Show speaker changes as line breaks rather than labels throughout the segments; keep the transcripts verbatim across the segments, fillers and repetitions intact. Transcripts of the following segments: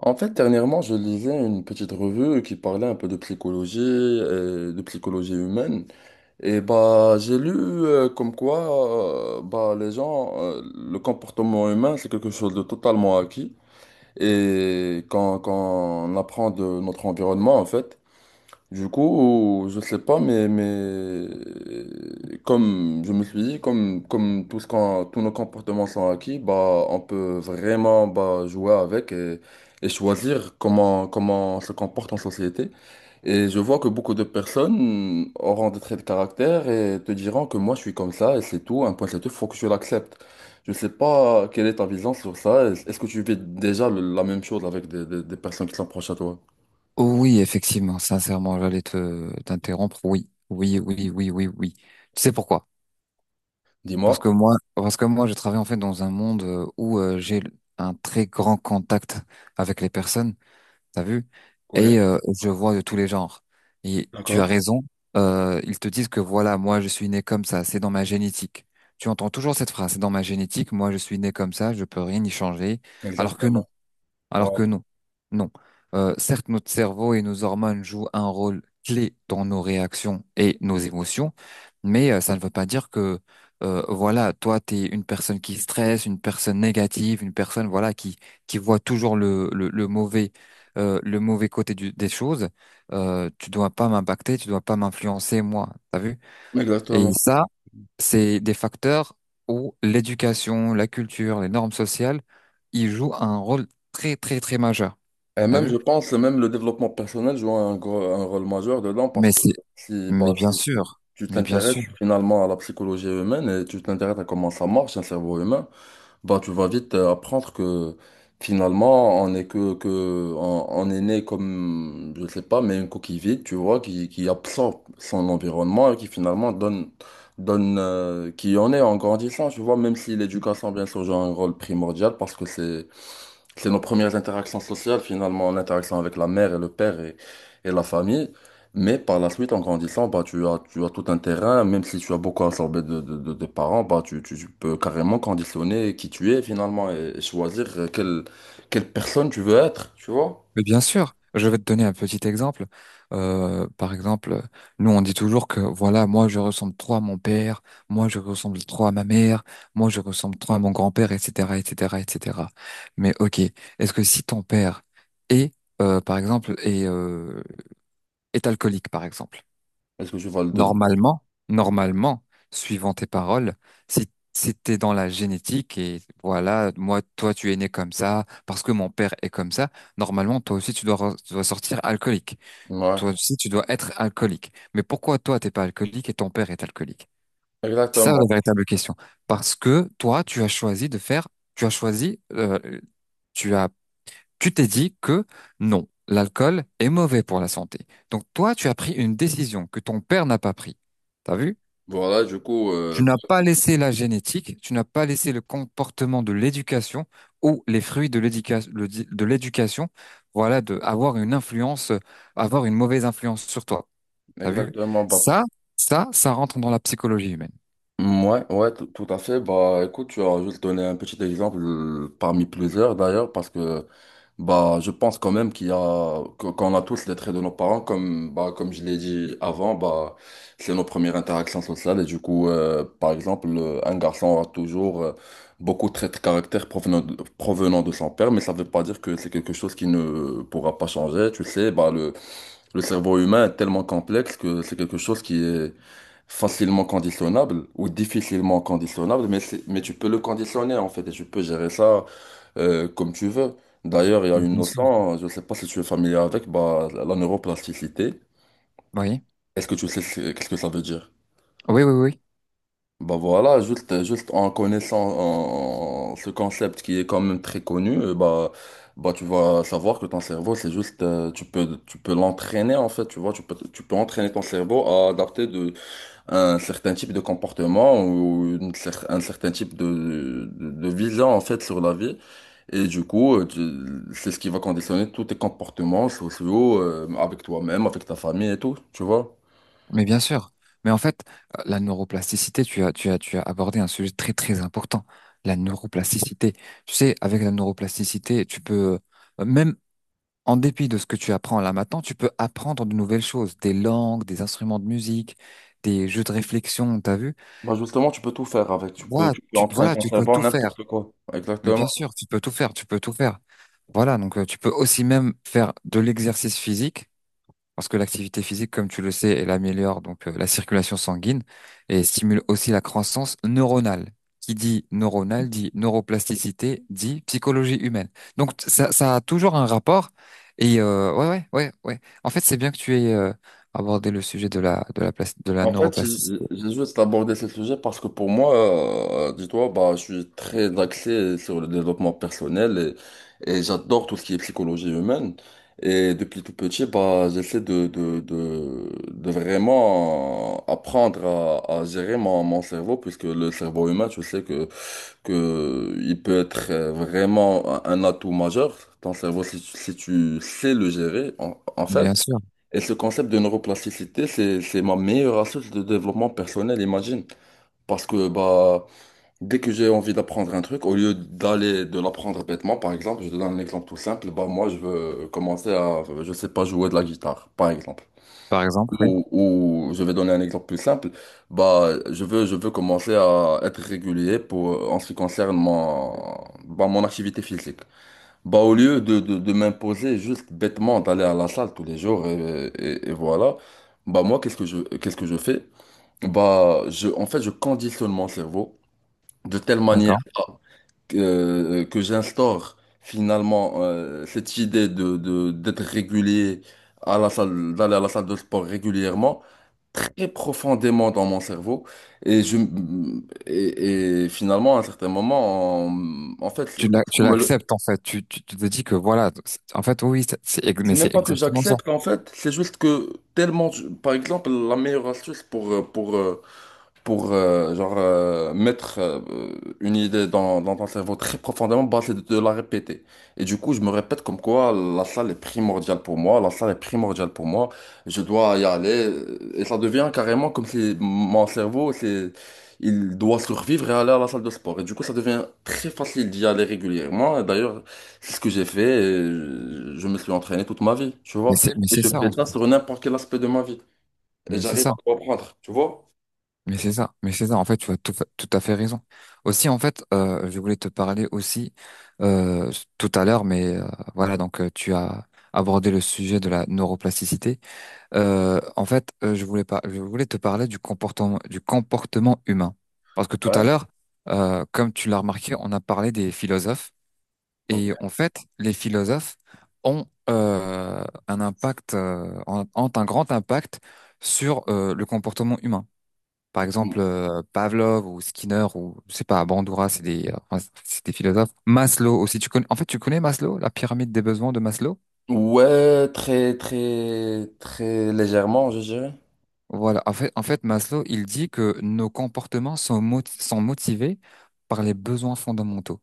En fait, dernièrement, je lisais une petite revue qui parlait un peu de psychologie, euh, de psychologie humaine. Et bah, j'ai lu euh, comme quoi, euh, bah, les gens, euh, le comportement humain, c'est quelque chose de totalement acquis. Et quand, quand on apprend de notre environnement, en fait. Du coup, je sais pas, mais, mais comme je me suis dit, comme, comme tout ce qu'on- tous nos comportements sont acquis, bah, on peut vraiment bah, jouer avec et, et choisir comment, comment on se comporte en société. Et je vois que beaucoup de personnes auront des traits de caractère et te diront que moi je suis comme ça et c'est tout, un point c'est tout, faut que je l'accepte. Je sais pas quelle est ta vision sur ça. Est- Est-ce que tu vis déjà le- la même chose avec des, des des personnes qui sont proches à toi?
Oui, effectivement, sincèrement, j'allais te t'interrompre. Oui, oui, oui, oui, oui, oui. Tu sais pourquoi? Parce que
Dis-moi.
moi, parce que moi, je travaille en fait dans un monde euh, où euh, j'ai un très grand contact avec les personnes, t'as vu?
Oui,
Et euh, je vois de tous les genres. Et tu as
d'accord.
raison. Euh, ils te disent que voilà, moi, je suis né comme ça, c'est dans ma génétique. Tu entends toujours cette phrase, c'est dans ma génétique, moi, je suis né comme ça, je peux rien y changer. Alors que non.
Exactement.
Alors
Voilà.
que non, non. Euh, certes, notre cerveau et nos hormones jouent un rôle clé dans nos réactions et nos émotions, mais euh, ça ne veut pas dire que, euh, voilà, toi, tu es une personne qui stresse, une personne négative, une personne, voilà, qui qui voit toujours le le, le mauvais euh, le mauvais côté du- des choses. Euh, tu dois pas m'impacter, tu dois pas m'influencer, moi. T'as vu? Et
Exactement.
ça, c'est des facteurs où l'éducation, la culture, les normes sociales, ils jouent un rôle très très très majeur.
Et
T'as
même,
vu?
je pense, même le développement personnel joue un, gros- un rôle majeur dedans parce
Mais
que
c'est,
si, bah,
mais bien
si tu
sûr,
tu
mais bien
t'intéresses
sûr,
finalement à la psychologie humaine et tu t'intéresses à comment ça marche, un cerveau humain, bah, tu vas vite euh, apprendre que finalement, on est que, que, on, on est né comme, je sais pas, mais une coquille vide, tu vois, qui, qui absorbe son environnement et qui finalement donne, donne, euh, qui en est en grandissant, tu vois, même si l'éducation, bien sûr, joue un rôle primordial parce que c'est, c'est nos premières interactions sociales, finalement, en interaction avec la mère et le père et, et la famille. Mais par la suite, en grandissant, bah, tu as, tu as tout un terrain, même si tu as beaucoup absorbé de, de, de- de parents, bah, tu, tu, tu peux carrément conditionner qui tu es, finalement, et, et choisir euh, quelle, quelle personne tu veux être, tu vois?
mais bien sûr. Je vais te donner un petit exemple. Euh, par exemple, nous on dit toujours que voilà, moi je ressemble trop à mon père, moi je ressemble trop à ma mère, moi je ressemble trop à mon grand-père, et cetera, et cetera, et cetera. Mais ok, est-ce que si ton père est, euh, par exemple, est, euh, est alcoolique, par exemple,
Est-ce que tu vas le devenir?
Normalement, normalement, suivant tes paroles, si, si t'es dans la génétique et voilà, moi, toi, tu es né comme ça, parce que mon père est comme ça, normalement, toi aussi, tu dois, re- tu dois sortir alcoolique.
Ouais,
Toi aussi, tu dois être alcoolique. Mais pourquoi toi, t'es pas alcoolique et ton père est alcoolique? C'est ça la
exactement.
véritable question. Parce que toi, tu as choisi de faire, tu as choisi, euh, tu as, tu t'es dit que non, l'alcool est mauvais pour la santé. Donc toi, tu as pris une décision que ton père n'a pas pris. T'as vu?
Voilà, du coup, euh,
Tu n'as pas laissé la génétique, tu n'as pas laissé le comportement de l'éducation ou les fruits de l'éducation, de l'éducation, voilà, de avoir une influence, euh, avoir une mauvaise influence sur toi. T'as vu?
exactement, bah.
Ça, ça, ça rentre dans la psychologie humaine.
Mm, Ouais, ouais, tout tout à fait. Bah, écoute, tu as juste donné un petit exemple euh, parmi plusieurs d'ailleurs, parce que bah, je pense quand même qu'il y a que- qu'on a tous les traits de nos parents, comme bah, comme je l'ai dit avant, bah, c'est nos premières interactions sociales et du coup, euh, par exemple, euh, un garçon aura toujours euh, beaucoup de traits de caractère provenant de, provenant de son père, mais ça ne veut pas dire que c'est quelque chose qui ne pourra pas changer. Tu sais, bah le le cerveau humain est tellement complexe que c'est quelque chose qui est facilement conditionnable ou difficilement conditionnable, mais c'est- mais tu peux le conditionner en fait et tu peux gérer ça euh, comme tu veux. D'ailleurs, il y a une
Bien sûr.
notion, je ne sais pas si tu es familier avec, bah, la neuroplasticité.
Oui,
Est-ce que tu sais ce- qu'est-ce que ça veut dire?
oui, oui, oui,
Bah voilà, juste, juste en connaissant en- ce concept qui est quand même très connu, euh, bah, bah tu vas savoir que ton cerveau, c'est juste, euh, tu peux, tu peux l'entraîner en fait, tu vois, tu peux, tu peux entraîner ton cerveau à adapter de, un certain type de comportement ou une cer- un certain type de, de, de vision en fait sur la vie. Et du coup, euh, tu- c'est ce qui va conditionner tous tes comportements sociaux, euh, avec toi-même, avec ta famille et tout, tu vois.
mais bien sûr. Mais en fait, euh, la neuroplasticité, tu as, tu as, tu as abordé un sujet très, très important. La neuroplasticité. Tu sais, avec la neuroplasticité, tu peux, euh, même en dépit de ce que tu apprends là maintenant, tu peux apprendre de nouvelles choses, des langues, des instruments de musique, des jeux de réflexion, t'as vu?
Bah justement, tu peux tout faire avec. Tu peux,
Voilà,
tu peux
tu,
entraîner
voilà,
ton
tu peux
cerveau à
tout faire.
n'importe quoi.
Mais
Exactement.
bien sûr, tu peux tout faire, tu peux tout faire. Voilà, donc euh, tu peux aussi même faire de l'exercice physique. Parce que l'activité physique, comme tu le sais, elle améliore donc euh, la circulation sanguine et stimule aussi la croissance neuronale. Qui dit neuronale dit neuroplasticité, dit psychologie humaine. Donc t- ça, ça a toujours un rapport. Et euh, ouais, ouais, ouais, ouais. En fait, c'est bien que tu aies euh, abordé le sujet de la de la plas- de la
En fait, j'ai
neuroplasticité.
j'ai juste abordé ce sujet parce que pour moi, euh, dis-toi, bah, je suis très axé sur le développement personnel et, et j'adore tout ce qui est psychologie humaine. Et depuis tout petit, bah, j'essaie de, de, de, de vraiment apprendre à, à gérer mon, mon cerveau puisque le cerveau humain, tu sais que que il peut être euh, vraiment un un atout majeur, ton cerveau, si, tu si tu sais le gérer, en, en
Bien
fait.
sûr.
Et ce concept de neuroplasticité, c'est, c'est ma meilleure astuce de développement personnel, imagine. Parce que bah, dès que j'ai envie d'apprendre un truc, au lieu d'aller de l'apprendre bêtement, par exemple, je te donne un exemple tout simple, bah, moi je veux commencer à, je sais pas, jouer de la guitare, par exemple.
Par exemple, oui.
Ou, ou je vais donner un exemple plus simple. Bah, je veux, je veux commencer à être régulier pour, en ce qui concerne mon, bah, mon activité physique. Bah, au lieu de, de, de m'imposer juste bêtement d'aller à la salle tous les jours et, et- et voilà, bah, moi, qu'est-ce que je, qu'est-ce que je fais? Bah, je, en fait, je conditionne mon cerveau de telle manière
D'accord.
que, euh, que j'instaure finalement euh, cette idée de, de, d'être régulier à la salle, d'aller à la salle de sport régulièrement très profondément dans mon cerveau. Et, je, et, et finalement, à un certain moment, en, en fait,
Tu l'a- tu
on me le-
l'acceptes en fait. Tu, tu, tu te dis que voilà. c'est- En fait, oui, c'est, c'est- ex-
c'est
mais
même
c'est
pas que
exactement ça.
j'accepte, en fait, c'est juste que tellement, je- par exemple, la meilleure astuce pour, euh, pour, euh, pour euh, genre euh, mettre euh, une idée dans, dans ton cerveau très profondément, bah, c'est de te la répéter. Et du coup, je me répète comme quoi la salle est primordiale pour moi, la salle est primordiale pour moi, je dois y aller. euh, Et ça devient carrément comme si mon cerveau, c'est, il doit survivre et aller à la salle de sport. Et du coup, ça devient très facile d'y aller régulièrement. Et d'ailleurs, c'est ce que j'ai fait et je je me suis entraîné toute ma vie, tu
Mais
vois.
c'est mais
Et
c'est
je
ça
fais
en fait.
ça sur n'importe quel aspect de ma vie. Et
Mais c'est
j'arrive
ça.
à comprendre, tu vois?
Mais c'est ça, mais c'est ça. En fait, tu as tout, fa- tout à fait raison. Aussi, en fait, euh, je voulais te parler aussi euh, tout à l'heure, mais euh, voilà, donc euh, tu as abordé le sujet de la neuroplasticité. Euh, en fait, euh, je voulais pas, je voulais te parler du comportement, du comportement humain, parce que tout à
Ouais.
l'heure, euh, comme tu l'as remarqué, on a parlé des philosophes, et
Ok.
en fait, les philosophes ont euh, un impact, euh, ont ont un grand impact sur euh, le comportement humain. Par exemple, euh, Pavlov ou Skinner ou je sais pas, Bandura, c'est des, euh, enfin, c'est des philosophes. Maslow aussi, tu connais. En fait, tu connais Maslow, la pyramide des besoins de Maslow.
Ouais, très, très, très légèrement, je dirais.
Voilà. En fait, en fait, Maslow, il dit que nos comportements sont, mo- sont motivés par les besoins fondamentaux.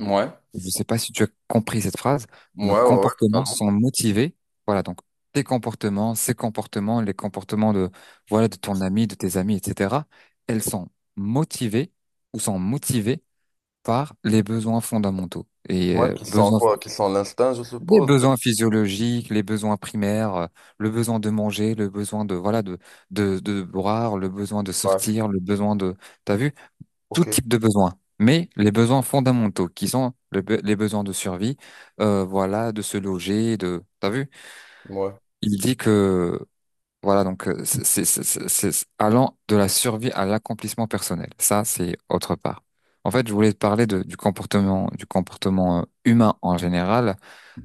Ouais,
Je sais pas si tu as compris cette phrase.
ouais,
Nos
ouais, ouais,
comportements
totalement.
sont motivés. Voilà. Donc, tes comportements, ces comportements, les comportements de, voilà, de ton ami, de tes amis, et cetera. Elles sont motivées ou sont motivées par les besoins fondamentaux et
Ouais,
euh,
qui sont
besoins,
quoi? Qui sont l'instinct, je
les
suppose.
besoins physiologiques, les besoins primaires, euh, le besoin de manger, le besoin de voilà de de de boire, le besoin de
Ouais,
sortir, le besoin de t'as vu tout
ok,
type de besoin. Mais les besoins fondamentaux qui sont le be- les besoins de survie, euh, voilà de se loger, de t'as vu.
ouais,
Il dit que voilà, donc euh, c'est c'est- c'est- c'est- c'est allant de la survie à l'accomplissement personnel. Ça, c'est autre part. En fait, je voulais te parler de- du comportement, du comportement euh, humain en général,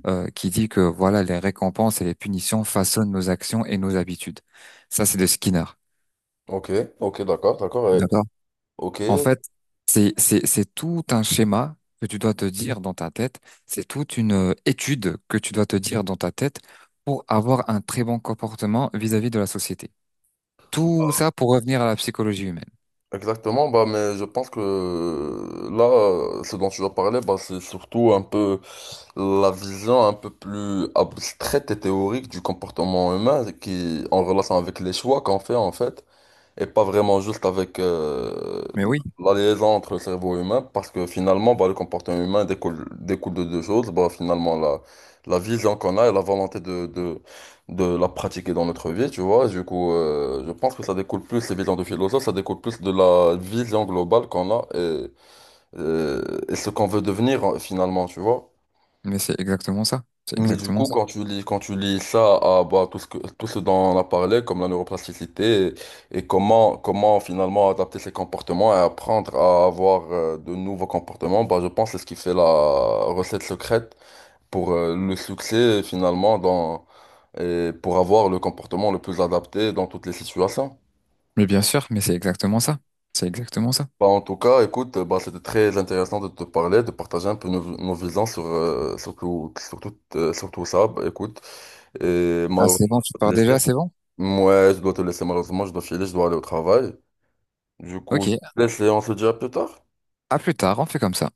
euh, qui dit que voilà, les récompenses et les punitions façonnent nos actions et nos habitudes. Ça, c'est de Skinner.
ok, ok, d'accord, d'accord, ouais.
D'accord?
Ok,
En fait, c'est c'est c'est tout un schéma que tu dois te dire dans ta tête. C'est toute une euh, étude que tu dois te dire dans ta tête pour avoir un très bon comportement vis-à-vis de la société. Tout ça pour revenir à la psychologie humaine.
exactement. Bah, mais je pense que là, ce dont tu vas parler, bah, c'est surtout un peu la vision un peu plus abstraite et théorique du comportement humain qui, en relation avec les choix qu'on fait, en fait. Et pas vraiment juste avec euh,
Mais oui,
la liaison entre le cerveau humain, parce que finalement, bah, le comportement humain découle, découle de deux choses. Bah, finalement, la, la vision qu'on a et la volonté de, de, de la pratiquer dans notre vie, tu vois. Du coup, euh, je pense que ça découle plus, les visions de philosophe, ça découle plus de la vision globale qu'on a et, et, et ce qu'on veut devenir euh, finalement, tu vois.
mais c'est exactement ça. C'est
Mais du
exactement
coup,
ça.
quand tu lis, quand tu lis ça à bah, tout ce que, tout ce dont on a parlé, comme la neuroplasticité, et, et comment, comment finalement adapter ses comportements et apprendre à avoir euh, de nouveaux comportements, bah, je pense que c'est ce qui fait la recette secrète pour euh, le succès finalement dans, et pour avoir le comportement le plus adapté dans toutes les situations.
Mais bien sûr, mais c'est exactement ça. C'est exactement ça.
Bah, en tout cas, écoute, bah, c'était très intéressant de te parler, de partager un peu nos, nos visions sur, euh, sur tout, sur tout, euh, sur tout ça. Bah, écoute, et
Ah, c'est bon,
malheureusement,
tu pars déjà, c'est bon?
ouais, je dois te laisser malheureusement, je dois filer, je dois aller au travail. Du coup,
Ok,
je te laisse et on se dit à plus tard.
à plus tard, on fait comme ça.